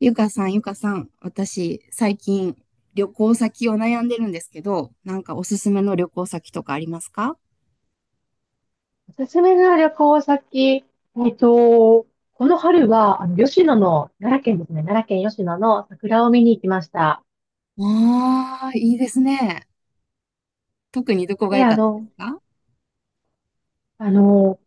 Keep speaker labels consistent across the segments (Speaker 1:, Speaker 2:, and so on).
Speaker 1: ゆかさん、ゆかさん、私、最近、旅行先を悩んでるんですけど、なんかおすすめの旅行先とかありますか？
Speaker 2: おすすめの旅行先、えっと、この春は、吉野の、奈良県ですね、奈良県吉野の桜を見に行きました。
Speaker 1: ああー、いいですね。特にどこが
Speaker 2: で、
Speaker 1: 良
Speaker 2: あ
Speaker 1: かったです
Speaker 2: の、
Speaker 1: か？
Speaker 2: あの、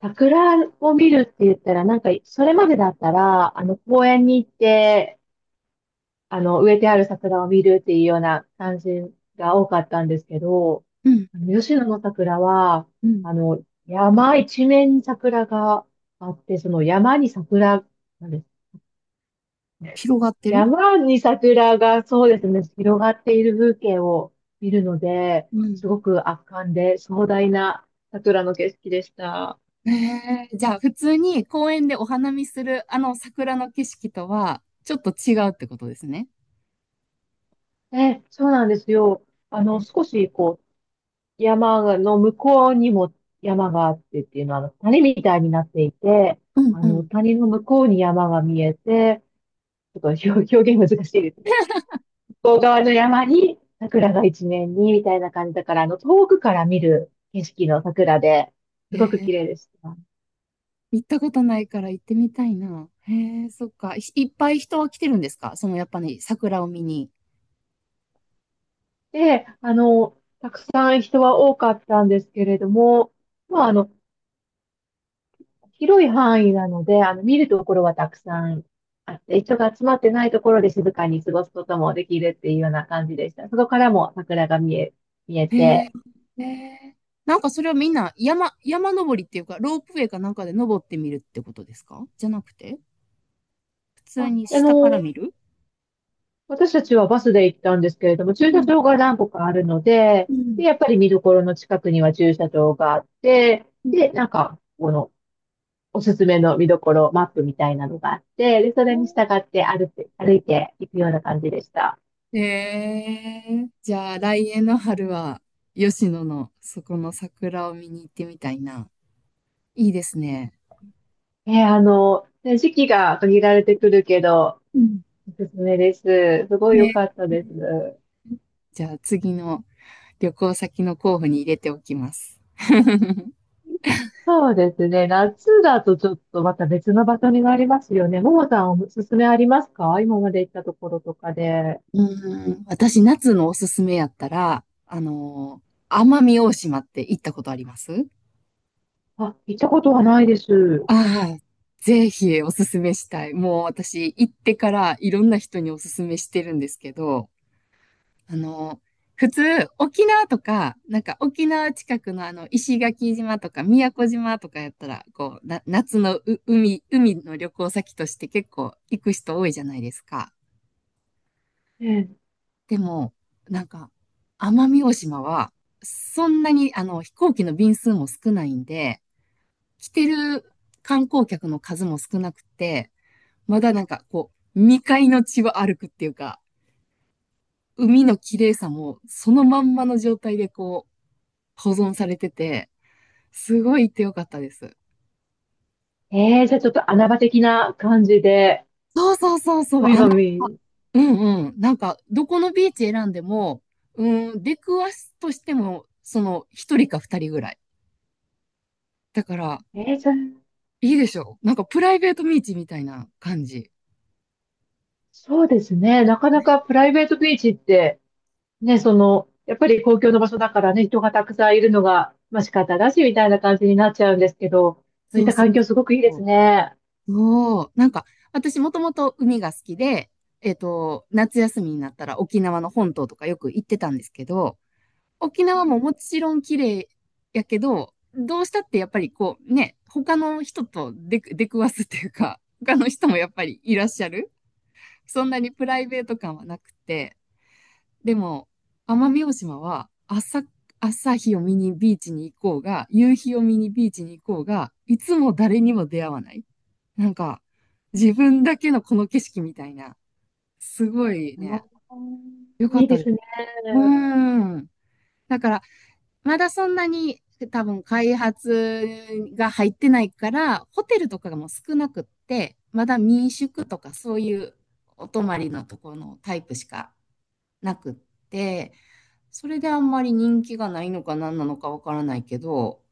Speaker 2: 桜を見るって言ったら、なんか、それまでだったら、公園に行って、植えてある桜を見るっていうような感じが多かったんですけど、
Speaker 1: うん、
Speaker 2: 吉野の桜は、
Speaker 1: うん。
Speaker 2: 山一面に桜があって、その山に桜なんですね。
Speaker 1: 広がってる。
Speaker 2: 山に桜がそうですね、広がっている風景を見るので、
Speaker 1: うん。
Speaker 2: すごく圧巻で壮大な桜の景色でした。
Speaker 1: えじゃあ、普通に公園でお花見するあの桜の景色とは、ちょっと違うってことですね。
Speaker 2: え、そうなんですよ。あの、少しこう、山の向こうにも山があってっていうのは、あの谷みたいになっていて、
Speaker 1: うんうん。
Speaker 2: 谷の向こうに山が見えて、ちょっと表現難しいですね。向こう側の山に桜が一面にみたいな感じだから、遠くから見る景色の桜で、すごく
Speaker 1: え
Speaker 2: 綺
Speaker 1: ー、
Speaker 2: 麗でした。
Speaker 1: 行ったことないから行ってみたいな。へえ、そっか。いっぱい人は来てるんですか、そのやっぱり桜を見に？
Speaker 2: で、たくさん人は多かったんですけれども、まあ、広い範囲なので、見るところはたくさんあって、人が集まってないところで静かに過ごすこともできるっていうような感じでした。そこからも桜が見え、見え
Speaker 1: へえ、
Speaker 2: て、
Speaker 1: へえ。なんかそれはみんな山登りっていうか、ロープウェイかなんかで登ってみるってことですか？じゃなくて、普
Speaker 2: あ、
Speaker 1: 通に
Speaker 2: あ
Speaker 1: 下から
Speaker 2: の、
Speaker 1: 見る。
Speaker 2: 私たちはバスで行ったんですけれども、
Speaker 1: う
Speaker 2: 駐車
Speaker 1: ん、
Speaker 2: 場が何個かあるので、
Speaker 1: う
Speaker 2: で、
Speaker 1: ん、
Speaker 2: やっぱり見どころの近くには駐車場があって、
Speaker 1: うん。
Speaker 2: で、なんか、この、おすすめの見どころ、マップみたいなのがあって、で、それに従って歩いていくような感じでした。
Speaker 1: じゃあ来年の春は吉野のそこの桜を見に行ってみたいな。いいですね。
Speaker 2: ね時期が限られてくるけど、
Speaker 1: うん。
Speaker 2: おすすめです。すごい良
Speaker 1: ね。
Speaker 2: かったです。
Speaker 1: じゃあ次の旅行先の候補に入れておきます。
Speaker 2: そうですね。夏だとちょっとまた別の場所になりますよね。ももさんおすすめありますか今まで行ったところとかで。
Speaker 1: うん、私夏のおすすめやったら、奄美大島って行ったことあります？
Speaker 2: あ、行ったことはないです。
Speaker 1: ああ、ぜひおすすめしたい。もう私行ってからいろんな人におすすめしてるんですけど、あの、普通、沖縄とか、なんか沖縄近くの石垣島とか宮古島とかやったら、こう、夏の海の旅行先として結構行く人多いじゃないですか。
Speaker 2: え
Speaker 1: でも、なんか、奄美大島は、そんなに飛行機の便数も少ないんで、来てる観光客の数も少なくて、まだなんかこう、未開の地を歩くっていうか、海の綺麗さもそのまんまの状態でこう、保存されてて、すごい行ってよかったです。
Speaker 2: じゃあちょっと穴場的な感じで、
Speaker 1: そうそうそうそう、
Speaker 2: 海が見
Speaker 1: うんうん。なんか、どこのビーチ選んでも、うん、出くわすとしても、その、一人か二人ぐらい。だから、
Speaker 2: えー、じゃあ
Speaker 1: いいでしょう。なんか、プライベートビーチみたいな感じ。
Speaker 2: そうですね。なかなかプライベートビーチって、ね、その、やっぱり公共の場所だからね、人がたくさんいるのが、まあ仕方だし、みたいな感じになっちゃうんですけど、そうい
Speaker 1: そ
Speaker 2: っ
Speaker 1: う
Speaker 2: た
Speaker 1: そ
Speaker 2: 環
Speaker 1: う
Speaker 2: 境すごくいいで
Speaker 1: そ
Speaker 2: す
Speaker 1: う。
Speaker 2: ね。
Speaker 1: そうなんか、私もともと海が好きで、夏休みになったら沖縄の本島とかよく行ってたんですけど、沖縄ももちろん綺麗やけど、どうしたってやっぱりこうね、他の人と出くわすっていうか、他の人もやっぱりいらっしゃる。そんなにプライベート感はなくて、でも、奄美大島は朝日を見にビーチに行こうが、夕日を見にビーチに行こうが、いつも誰にも出会わない。なんか、自分だけのこの景色みたいな、すごい
Speaker 2: う
Speaker 1: ね、
Speaker 2: ん
Speaker 1: 良か
Speaker 2: い
Speaker 1: っ
Speaker 2: い
Speaker 1: た
Speaker 2: で
Speaker 1: で
Speaker 2: す
Speaker 1: す。
Speaker 2: ね。
Speaker 1: うーん。だから、まだそんなに多分開発が入ってないから、ホテルとかがもう少なくって、まだ民宿とかそういうお泊まりのところのタイプしかなくって、それであんまり人気がないのか何なのかわからないけど、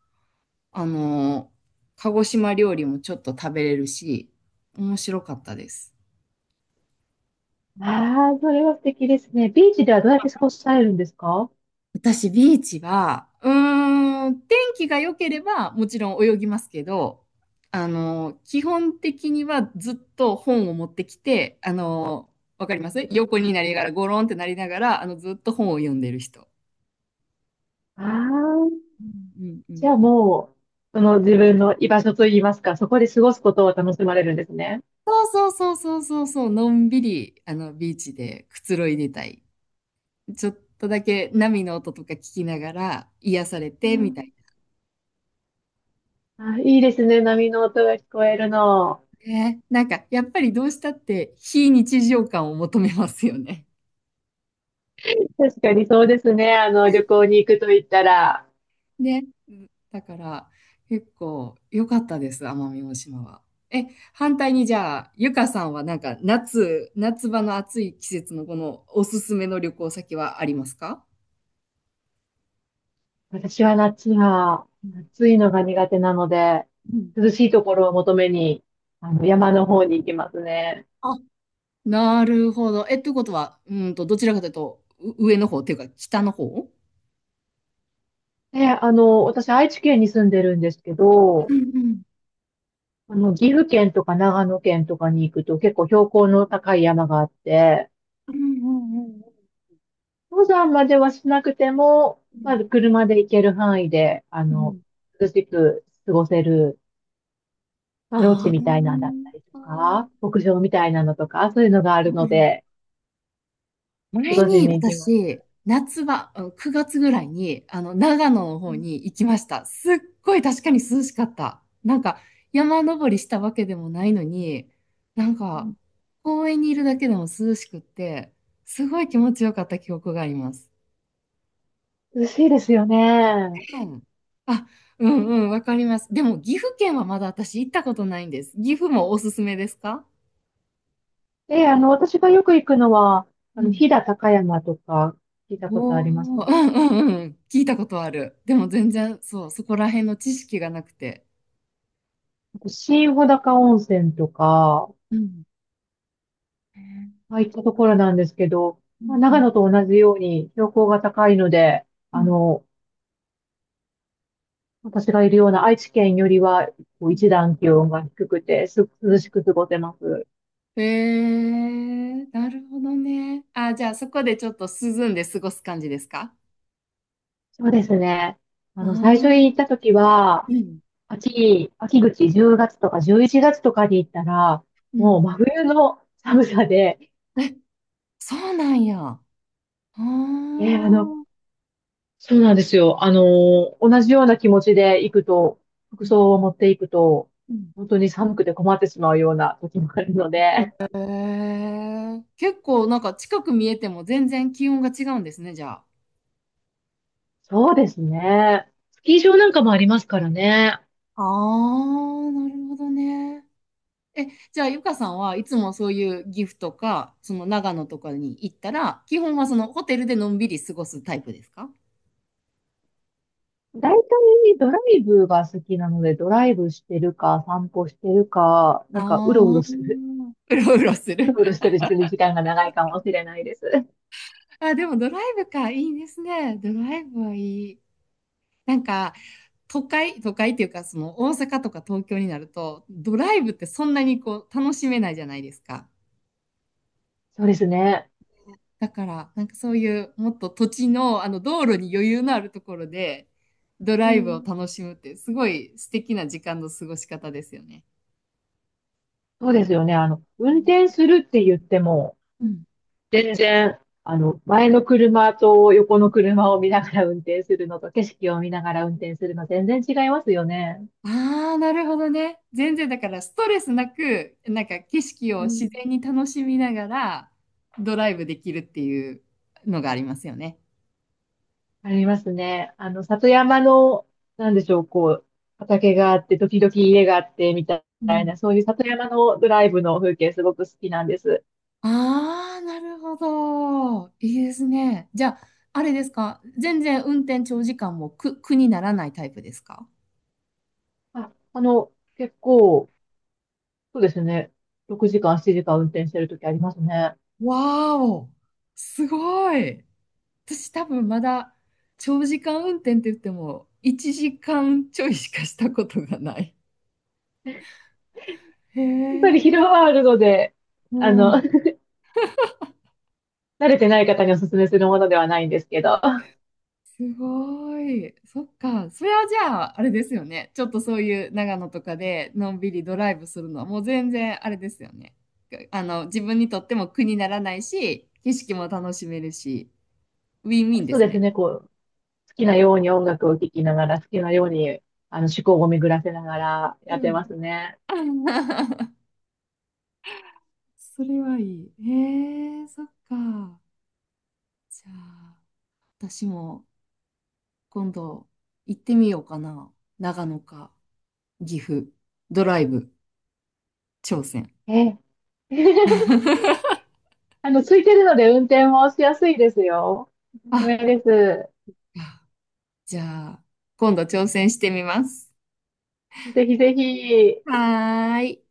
Speaker 1: あの、鹿児島料理もちょっと食べれるし、面白かったです。
Speaker 2: ああ、それは素敵ですね。ビーチではどうやって過ごされるんですか
Speaker 1: 私、ビーチは、うーん、天気が良ければ、もちろん泳ぎますけど、基本的にはずっと本を持ってきて、わかります。横になりながら、ゴロンってなりながら、ずっと本を読んでる人。
Speaker 2: ああー、
Speaker 1: うんう
Speaker 2: じ
Speaker 1: ん
Speaker 2: ゃあ
Speaker 1: うん。
Speaker 2: もう、その自分の居場所といいますか、そこで過ごすことを楽しまれるんですね。
Speaker 1: そうそうそうそうそうそう、のんびり、ビーチでくつろいでたい。ちょっとだけ波の音とか聞きながら、癒され
Speaker 2: う
Speaker 1: て、みた
Speaker 2: ん、
Speaker 1: い
Speaker 2: あ、いいですね。波の音が聞こえるの。
Speaker 1: なね。なんか、やっぱりどうしたって、非日常感を求めますよね。
Speaker 2: 確かにそうですね。旅行に行くと言ったら、
Speaker 1: だから結構良かったです、奄美大島は。え、反対にじゃあ、ゆかさんはなんか夏場の暑い季節のこのおすすめの旅行先はありますか？
Speaker 2: 私は夏は、
Speaker 1: うん
Speaker 2: 暑いのが苦手なので、
Speaker 1: うん。
Speaker 2: 涼しいところを求めに、山の方に行きますね。
Speaker 1: あ、なるほど。え、ということは、どちらかというと、上の方っていうか、北の方。
Speaker 2: で、私、愛知県に住んでるんですけ
Speaker 1: う
Speaker 2: ど、
Speaker 1: んうん
Speaker 2: 岐阜県とか長野県とかに行くと結構標高の高い山があって、
Speaker 1: うんうんうん
Speaker 2: 登山まではしなくても、まあ、車で行ける範囲で、
Speaker 1: うんうん。
Speaker 2: 涼しく過ごせるまあ、ロッジみ
Speaker 1: あ
Speaker 2: たいなんだったりとか、牧場みたいなのとか、そういうのがあるの
Speaker 1: ー
Speaker 2: で、今
Speaker 1: 前
Speaker 2: 年
Speaker 1: に
Speaker 2: に行きます。
Speaker 1: 私、夏場、9月ぐらいに、長野の
Speaker 2: う
Speaker 1: 方
Speaker 2: ん
Speaker 1: に行きました。すっごい確かに涼しかった。なんか、山登りしたわけでもないのに、なん
Speaker 2: う
Speaker 1: か、
Speaker 2: ん
Speaker 1: 公園にいるだけでも涼しくって、すごい気持ちよかった記憶があります。
Speaker 2: 涼しいですよね。
Speaker 1: うん。あ、うんうん、わかります。でも、岐阜県はまだ私行ったことないんです。岐阜もおすすめですか？
Speaker 2: で、私がよく行くのは、
Speaker 1: うん。
Speaker 2: 飛騨高山とか、聞いたことあ
Speaker 1: おー、
Speaker 2: ります
Speaker 1: う
Speaker 2: ね
Speaker 1: んうんうん。聞いたことある。でも全然、そう、そこら辺の知識がなくて。
Speaker 2: あと新穂高温泉とか、
Speaker 1: うん。へえ。
Speaker 2: ああいったところなんですけど、
Speaker 1: うん
Speaker 2: まあ、
Speaker 1: う
Speaker 2: 長
Speaker 1: ん
Speaker 2: 野と同じように標高が高いので、
Speaker 1: う
Speaker 2: あ
Speaker 1: ん
Speaker 2: の、私がいるような愛知県よりは、こ
Speaker 1: う
Speaker 2: う一
Speaker 1: ん
Speaker 2: 段気温が低くて、
Speaker 1: う
Speaker 2: 涼し
Speaker 1: ん。
Speaker 2: く過ごせます。
Speaker 1: へえ、なるほどね。あ、じゃあそこでちょっと涼んで過ごす感じですか？
Speaker 2: そうですね。
Speaker 1: ああ
Speaker 2: 最初に行っ
Speaker 1: ー、
Speaker 2: た時
Speaker 1: う
Speaker 2: は、
Speaker 1: ん
Speaker 2: 秋口10月とか11月とかに行ったら、
Speaker 1: うん。
Speaker 2: もう真冬の寒さで、
Speaker 1: え、そうなんや。ああ。う
Speaker 2: えーあの、
Speaker 1: ん
Speaker 2: そうなんですよ。同じような気持ちで行くと、
Speaker 1: う
Speaker 2: 服装を持っていくと、
Speaker 1: ん。
Speaker 2: 本当に寒くて困ってしまうような時もあるので、
Speaker 1: へえ、結構なんか近く見えても全然気温が違うんですね、じゃあ。
Speaker 2: そうですね。スキー場なんかもありますからね。
Speaker 1: ああ、なるほどね。え、じゃあ、ゆかさんはいつもそういう岐阜とか、その長野とかに行ったら、基本はそのホテルでのんびり過ごすタイプですか？
Speaker 2: 大体ドライブが好きなので、ドライブしてるか、散歩してるか、
Speaker 1: あ
Speaker 2: なんかうろう
Speaker 1: あ
Speaker 2: ろする
Speaker 1: ー、うろうろす
Speaker 2: うろ
Speaker 1: る。
Speaker 2: うろしてる時間が長いかもしれないです。
Speaker 1: あ、でもドライブか、いいですね。ドライブはいい。なんか、都会っていうか、その大阪とか東京になると、ドライブってそんなにこう楽しめないじゃないですか。
Speaker 2: そうですね。
Speaker 1: だから、なんかそういうもっと土地の、道路に余裕のあるところでド
Speaker 2: う
Speaker 1: ライブを
Speaker 2: ん。
Speaker 1: 楽しむってすごい素敵な時間の過ごし方ですよね。
Speaker 2: そうですよね。運転するって言っても、
Speaker 1: うん。
Speaker 2: 全然、前の車と横の車を見ながら運転するのと、景色を見ながら運転するの、全然違いますよね。
Speaker 1: ああー、なるほどね。全然だからストレスなく、なんか景色
Speaker 2: う
Speaker 1: を
Speaker 2: ん、
Speaker 1: 自然に楽しみながらドライブできるっていうのがありますよね。
Speaker 2: ありますね。あの、里山の、なんでしょう、こう、畑があって、時々家があって、みた
Speaker 1: う
Speaker 2: い
Speaker 1: ん。
Speaker 2: な、そういう里山のドライブの風景、すごく好きなんです。
Speaker 1: ああ、なるほど。いいですね。じゃあ、あれですか。全然運転長時間も苦にならないタイプですか？
Speaker 2: あ、結構、そうですね。6時間、7時間運転してる時ありますね。や
Speaker 1: わーお、すごい。私多分まだ長時間運転って言っても1時間ちょいしかしたことがない。へ
Speaker 2: っぱり
Speaker 1: え、
Speaker 2: 疲労はあるので、
Speaker 1: う
Speaker 2: あの、
Speaker 1: ん、
Speaker 2: 慣れてない方にお勧めするものではないんですけど、
Speaker 1: すごい。そっか。それはじゃあ、あれですよね。ちょっとそういう長野とかでのんびりドライブするのはもう全然あれですよね。自分にとっても苦にならないし、景色も楽しめるし、ウィンウィンで
Speaker 2: そう
Speaker 1: す
Speaker 2: です
Speaker 1: ね。
Speaker 2: ね。こう、好きなように音楽を聴きながら、好きなように、思考を巡らせながら
Speaker 1: う
Speaker 2: やって
Speaker 1: ん。
Speaker 2: ますね。
Speaker 1: それはいい。へえ、そっか。じゃあ、私も今度行ってみようかな。長野か岐阜、ドライブ、挑戦。
Speaker 2: ええ。あの、ついてるので運転もしやすいですよ。おすす
Speaker 1: あ、
Speaker 2: めです。
Speaker 1: じゃあ、今度挑戦してみます。
Speaker 2: ぜひぜひ。
Speaker 1: はーい。